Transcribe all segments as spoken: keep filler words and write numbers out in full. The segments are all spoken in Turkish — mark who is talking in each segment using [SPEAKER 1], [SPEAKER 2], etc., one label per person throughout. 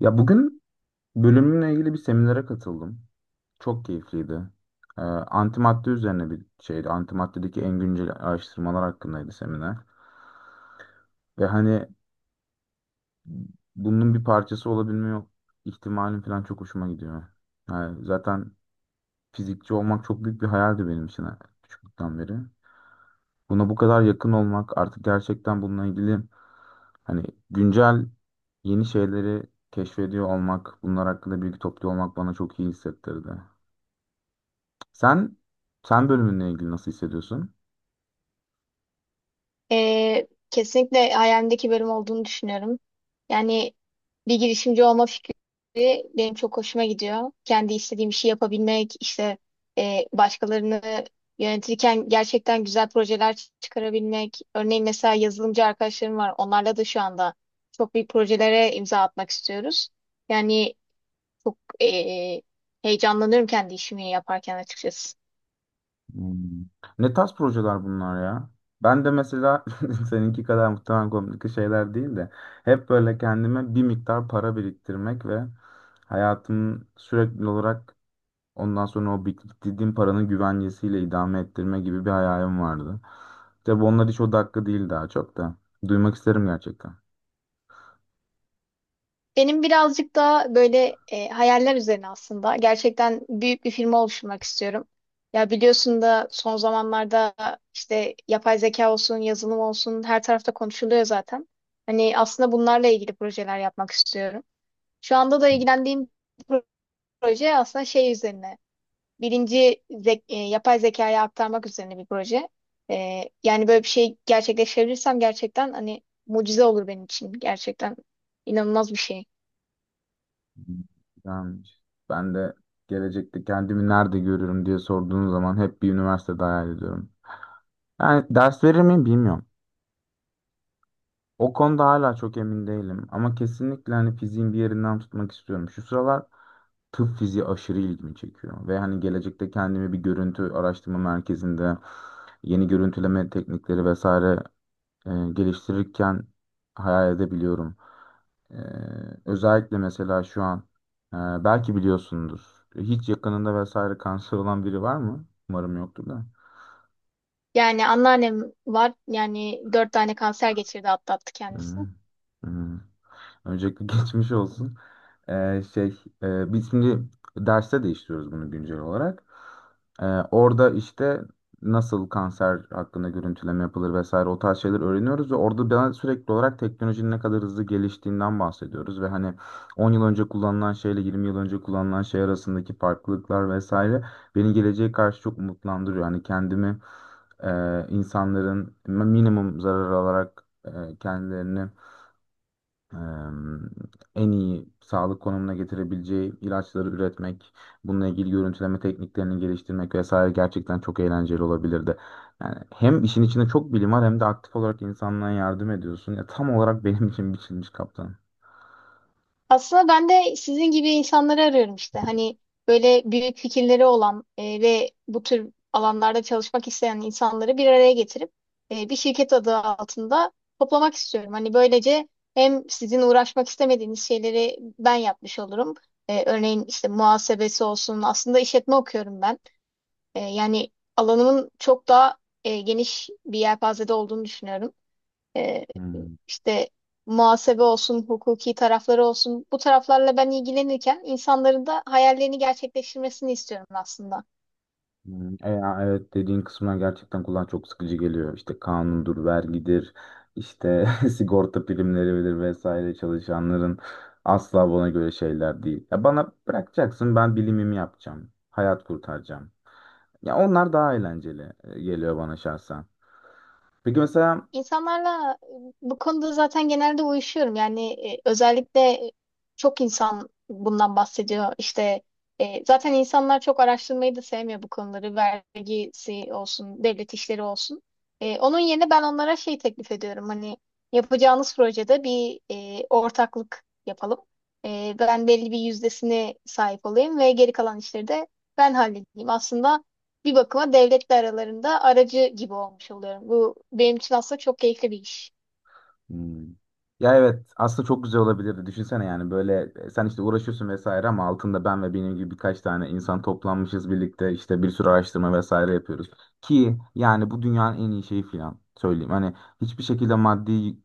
[SPEAKER 1] Ya bugün bölümümle ilgili bir seminere katıldım. Çok keyifliydi. Ee, antimadde üzerine bir şeydi. Antimaddedeki en güncel araştırmalar hakkındaydı seminer. Ve hani bunun bir parçası olabilme ihtimalim falan çok hoşuma gidiyor. Yani zaten fizikçi olmak çok büyük bir hayaldi benim için ha, küçüklükten beri. Buna bu kadar yakın olmak, artık gerçekten bununla ilgili hani güncel yeni şeyleri keşfediyor olmak, bunlar hakkında bilgi topluyor olmak bana çok iyi hissettirdi. Sen sen bölümünle ilgili nasıl hissediyorsun?
[SPEAKER 2] Ee, kesinlikle hayalimdeki bölüm olduğunu düşünüyorum. Yani bir girişimci olma fikri benim çok hoşuma gidiyor. Kendi istediğim işi yapabilmek, işte e, başkalarını yönetirken gerçekten güzel projeler çıkarabilmek. Örneğin mesela yazılımcı arkadaşlarım var. Onlarla da şu anda çok büyük projelere imza atmak istiyoruz. Yani çok e, heyecanlanıyorum kendi işimi yaparken açıkçası.
[SPEAKER 1] Hmm. Ne tarz projeler bunlar ya? Ben de mesela seninki kadar muhtemelen komik şeyler değil de hep böyle kendime bir miktar para biriktirmek ve hayatımı sürekli olarak ondan sonra o biriktirdiğim paranın güvencesiyle idame ettirme gibi bir hayalim vardı. Tabii onlar hiç o dakika değil daha çok da. Duymak isterim gerçekten.
[SPEAKER 2] Benim birazcık daha böyle e, hayaller üzerine aslında. Gerçekten büyük bir firma oluşturmak istiyorum. Ya biliyorsun da son zamanlarda işte yapay zeka olsun, yazılım olsun her tarafta konuşuluyor zaten. Hani aslında bunlarla ilgili projeler yapmak istiyorum. Şu anda da ilgilendiğim proje aslında şey üzerine. Birinci zek- e, yapay zekaya aktarmak üzerine bir proje. E, yani böyle bir şey gerçekleştirirsem gerçekten hani mucize olur benim için. Gerçekten inanılmaz bir şey.
[SPEAKER 1] Güzelmiş. Ben de gelecekte kendimi nerede görüyorum diye sorduğun zaman hep bir üniversitede hayal ediyorum. Yani ders verir miyim bilmiyorum. O konuda hala çok emin değilim ama kesinlikle hani fiziğin bir yerinden tutmak istiyorum. Şu sıralar tıp fiziği aşırı ilgimi çekiyor ve hani gelecekte kendimi bir görüntü araştırma merkezinde yeni görüntüleme teknikleri vesaire e, geliştirirken hayal edebiliyorum. E, Özellikle mesela şu an e, belki biliyorsundur. Hiç yakınında vesaire kanser olan biri var mı? Umarım yoktur da.
[SPEAKER 2] Yani anneannem var. Yani dört tane kanser geçirdi, atlattı
[SPEAKER 1] Hı,
[SPEAKER 2] kendisi.
[SPEAKER 1] hı. Öncelikle geçmiş olsun. Ee, şey, e, biz şimdi derste değiştiriyoruz bunu güncel olarak. Ee, Orada işte nasıl kanser hakkında görüntüleme yapılır vesaire o tarz şeyler öğreniyoruz ve orada ben sürekli olarak teknolojinin ne kadar hızlı geliştiğinden bahsediyoruz ve hani on yıl önce kullanılan şeyle yirmi yıl önce kullanılan şey arasındaki farklılıklar vesaire beni geleceğe karşı çok umutlandırıyor. Hani kendimi e, insanların minimum zarar alarak e, kendilerini e, en iyi sağlık konumuna getirebileceği ilaçları üretmek, bununla ilgili görüntüleme tekniklerini geliştirmek vesaire gerçekten çok eğlenceli olabilirdi. Yani hem işin içinde çok bilim var hem de aktif olarak insanlığa yardım ediyorsun. Ya tam olarak benim için biçilmiş kaptan.
[SPEAKER 2] Aslında ben de sizin gibi insanları arıyorum işte. Hani böyle büyük fikirleri olan e, ve bu tür alanlarda çalışmak isteyen insanları bir araya getirip e, bir şirket adı altında toplamak istiyorum. Hani böylece hem sizin uğraşmak istemediğiniz şeyleri ben yapmış olurum. E, örneğin işte muhasebesi olsun. Aslında işletme okuyorum ben. E, yani alanımın çok daha e, geniş bir yelpazede olduğunu düşünüyorum. E,
[SPEAKER 1] Hmm.
[SPEAKER 2] işte muhasebe olsun, hukuki tarafları olsun, bu taraflarla ben ilgilenirken insanların da hayallerini gerçekleştirmesini istiyorum aslında.
[SPEAKER 1] Hmm, E ya evet dediğin kısma gerçekten kulağa çok sıkıcı geliyor. İşte kanundur, vergidir, işte sigorta primleridir vesaire çalışanların asla bana göre şeyler değil. Ya bana bırakacaksın ben bilimimi yapacağım, hayat kurtaracağım. Ya onlar daha eğlenceli e, geliyor bana şahsen. Peki mesela
[SPEAKER 2] İnsanlarla bu konuda zaten genelde uyuşuyorum. Yani e, özellikle çok insan bundan bahsediyor. İşte e, zaten insanlar çok araştırmayı da sevmiyor bu konuları. Vergisi olsun, devlet işleri olsun. E, onun yerine ben onlara şey teklif ediyorum. Hani yapacağınız projede bir e, ortaklık yapalım. E, ben belli bir yüzdesine sahip olayım ve geri kalan işleri de ben halledeyim. Aslında bir bakıma devletle aralarında aracı gibi olmuş oluyorum. Bu benim için aslında çok keyifli bir iş.
[SPEAKER 1] Hmm. Ya evet aslında çok güzel olabilirdi. Düşünsene yani böyle e, sen işte uğraşıyorsun vesaire ama altında ben ve benim gibi birkaç tane insan toplanmışız birlikte işte bir sürü araştırma vesaire yapıyoruz. Ki yani bu dünyanın en iyi şeyi falan söyleyeyim. Hani hiçbir şekilde maddi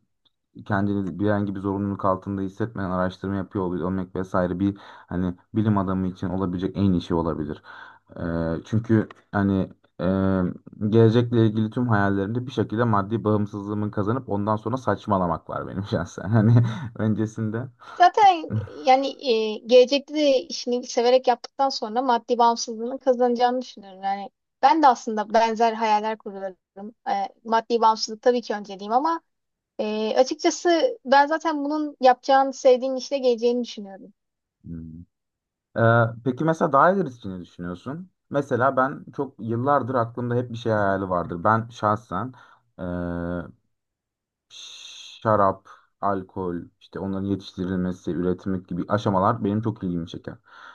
[SPEAKER 1] kendini bir herhangi bir zorunluluk altında hissetmeden araştırma yapıyor ol- olmak vesaire bir hani bilim adamı için olabilecek en iyi şey olabilir. Ee, çünkü hani e, gelecekle ilgili tüm hayallerimde bir şekilde maddi bağımsızlığımı kazanıp ondan sonra saçmalamak var benim şahsen. Hani öncesinde.
[SPEAKER 2] Zaten yani e, gelecekte de işini severek yaptıktan sonra maddi bağımsızlığını kazanacağını düşünüyorum. Yani ben de aslında benzer hayaller kuruyorum. E, maddi bağımsızlık tabii ki önceliğim ama e, açıkçası ben zaten bunun yapacağını sevdiğim işle geleceğini düşünüyorum.
[SPEAKER 1] Hmm. Ee, peki mesela daha ilerisi için ne düşünüyorsun? Mesela ben çok yıllardır aklımda hep bir şey hayali vardır. Ben şahsen şarap, alkol, işte onların yetiştirilmesi, üretimi gibi aşamalar benim çok ilgimi çeker.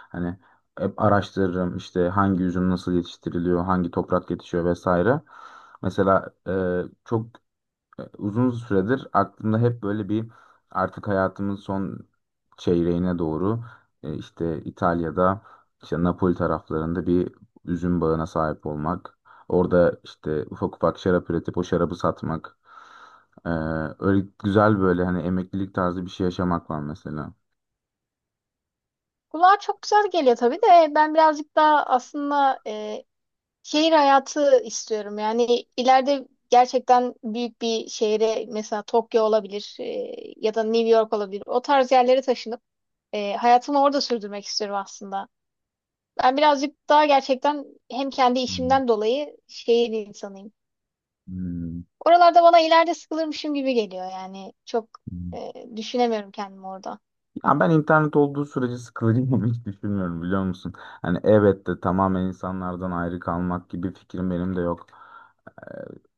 [SPEAKER 1] Hani hep araştırırım işte hangi üzüm nasıl yetiştiriliyor, hangi toprak yetişiyor vesaire. Mesela e, çok ee, uzun süredir aklımda hep böyle bir artık hayatımın son çeyreğine doğru e, işte İtalya'da işte Napoli taraflarında bir üzüm bağına sahip olmak. Orada işte ufak ufak şarap üretip o şarabı satmak. Ee, Öyle güzel böyle hani emeklilik tarzı bir şey yaşamak var mesela.
[SPEAKER 2] Kulağa çok güzel geliyor tabii de ben birazcık daha aslında e, şehir hayatı istiyorum. Yani ileride gerçekten büyük bir şehre, mesela Tokyo olabilir, e, ya da New York olabilir. O tarz yerlere taşınıp e, hayatımı orada sürdürmek istiyorum aslında. Ben birazcık daha gerçekten hem kendi
[SPEAKER 1] Hmm,
[SPEAKER 2] işimden dolayı şehir insanıyım.
[SPEAKER 1] hmm,
[SPEAKER 2] Oralarda bana ileride sıkılırmışım gibi geliyor yani. Çok
[SPEAKER 1] hmm.
[SPEAKER 2] e, düşünemiyorum kendimi orada.
[SPEAKER 1] Ya ben internet olduğu sürece sıkılacağımı hiç düşünmüyorum biliyor musun? Hani evet de tamamen insanlardan ayrı kalmak gibi fikrim benim de yok.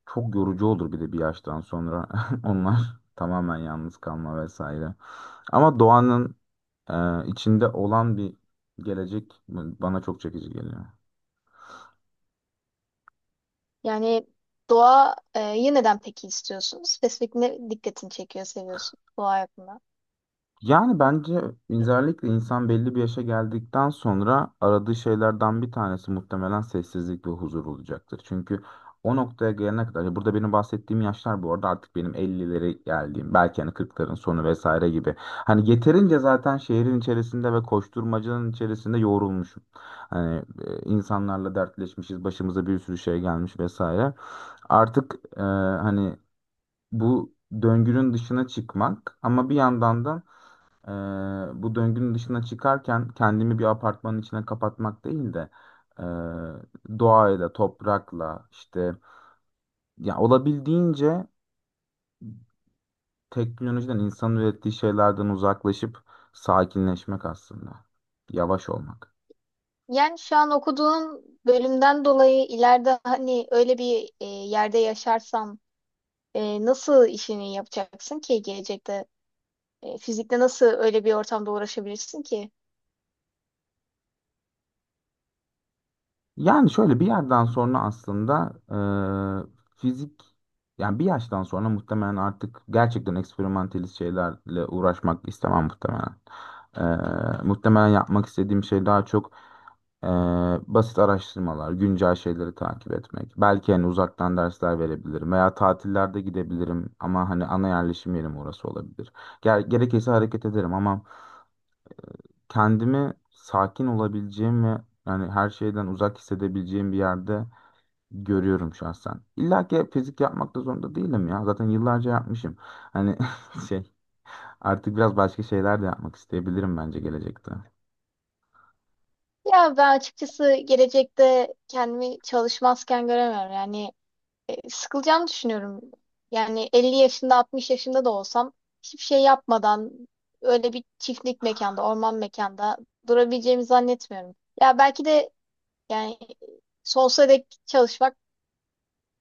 [SPEAKER 1] Çok yorucu olur bir de bir yaştan sonra onlar tamamen yalnız kalma vesaire. Ama doğanın e, içinde olan bir gelecek bana çok çekici geliyor.
[SPEAKER 2] Yani doğa e, yeniden peki istiyorsunuz? Spesifik ne dikkatini çekiyor, seviyorsun doğa hakkında?
[SPEAKER 1] Yani bence özellikle insan belli bir yaşa geldikten sonra aradığı şeylerden bir tanesi muhtemelen sessizlik ve huzur olacaktır. Çünkü o noktaya gelene kadar, ya burada benim bahsettiğim yaşlar bu arada artık benim elli'lere geldiğim, belki hani kırkların sonu vesaire gibi. Hani yeterince zaten şehrin içerisinde ve koşturmacanın içerisinde yoğrulmuşum. Hani e, insanlarla dertleşmişiz, başımıza bir sürü şey gelmiş vesaire. Artık e, hani bu döngünün dışına çıkmak ama bir yandan da ee, bu döngünün dışına çıkarken kendimi bir apartmanın içine kapatmak değil de e, doğayla, toprakla işte ya olabildiğince teknolojiden, insanın ürettiği şeylerden uzaklaşıp sakinleşmek aslında. Yavaş olmak.
[SPEAKER 2] Yani şu an okuduğum bölümden dolayı ileride hani öyle bir e, yerde yaşarsam e, nasıl işini yapacaksın ki gelecekte? E, fizikte nasıl öyle bir ortamda uğraşabilirsin ki?
[SPEAKER 1] Yani şöyle bir yerden sonra aslında e, fizik yani bir yaştan sonra muhtemelen artık gerçekten eksperimentalist şeylerle uğraşmak istemem muhtemelen. E, muhtemelen yapmak istediğim şey daha çok e, basit araştırmalar, güncel şeyleri takip etmek. Belki hani uzaktan dersler verebilirim veya tatillerde gidebilirim ama hani ana yerleşim yerim orası olabilir. Ger- gerekirse hareket ederim ama kendimi sakin olabileceğim ve yani her şeyden uzak hissedebileceğim bir yerde görüyorum şahsen. İlla ki fizik yapmak da zorunda değilim ya. Zaten yıllarca yapmışım. Hani şey artık biraz başka şeyler de yapmak isteyebilirim bence gelecekte.
[SPEAKER 2] Ya ben açıkçası gelecekte kendimi çalışmazken göremiyorum. Yani e, sıkılacağımı düşünüyorum. Yani elli yaşında, altmış yaşında da olsam hiçbir şey yapmadan öyle bir çiftlik mekanda, orman mekanda durabileceğimi zannetmiyorum. Ya belki de yani sonsuza dek çalışmak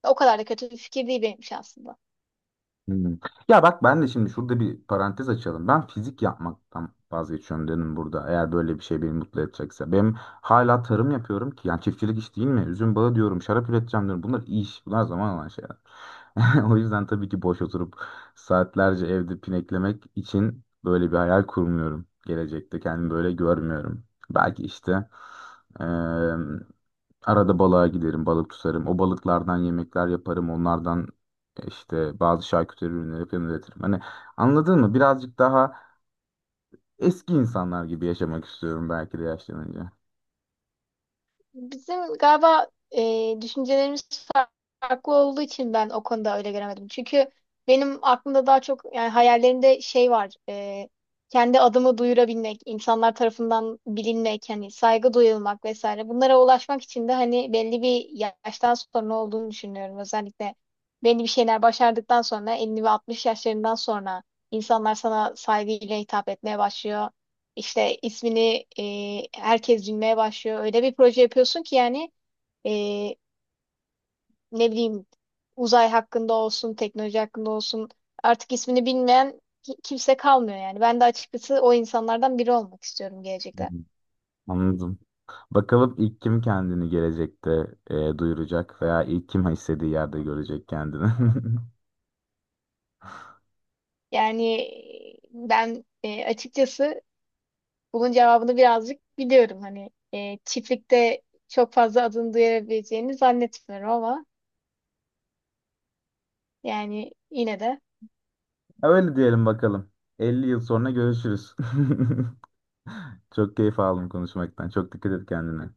[SPEAKER 2] o kadar da kötü bir fikir değil benim için aslında.
[SPEAKER 1] Hmm. Ya bak ben de şimdi şurada bir parantez açalım. Ben fizik yapmaktan vazgeçiyorum dedim burada. Eğer böyle bir şey beni mutlu edecekse. Benim hala tarım yapıyorum ki. Yani çiftçilik iş değil mi? Üzüm bağı diyorum, şarap üreteceğim diyorum. Bunlar iş. Bunlar zaman alan şeyler. O yüzden tabii ki boş oturup saatlerce evde pineklemek için böyle bir hayal kurmuyorum. Gelecekte kendimi böyle görmüyorum. Belki işte eee, arada balığa giderim, balık tutarım. O balıklardan yemekler yaparım. Onlardan işte bazı şarküteri ürünleri falan üretirim. Hani anladın mı? Birazcık daha eski insanlar gibi yaşamak istiyorum belki de yaşlanınca.
[SPEAKER 2] Bizim galiba e, düşüncelerimiz farklı olduğu için ben o konuda öyle göremedim. Çünkü benim aklımda daha çok, yani hayallerimde şey var. E, kendi adımı duyurabilmek, insanlar tarafından bilinmek, hani saygı duyulmak vesaire. Bunlara ulaşmak için de hani belli bir yaştan sonra olduğunu düşünüyorum. Özellikle belli bir şeyler başardıktan sonra, elli ve altmış yaşlarından sonra insanlar sana saygıyla hitap etmeye başlıyor. İşte ismini e, herkes bilmeye başlıyor. Öyle bir proje yapıyorsun ki yani, e, ne bileyim, uzay hakkında olsun, teknoloji hakkında olsun, artık ismini bilmeyen ki- kimse kalmıyor yani. Ben de açıkçası o insanlardan biri olmak istiyorum gelecekte.
[SPEAKER 1] Hmm, anladım. Bakalım ilk kim kendini gelecekte e, duyuracak veya ilk kim istediği yerde görecek kendini.
[SPEAKER 2] Yani e, ben e, açıkçası bunun cevabını birazcık biliyorum. Hani e, çiftlikte çok fazla adını duyabileceğini zannetmiyorum ama yani yine de.
[SPEAKER 1] Öyle diyelim bakalım. elli yıl sonra görüşürüz. Çok keyif aldım konuşmaktan. Çok dikkat et kendine.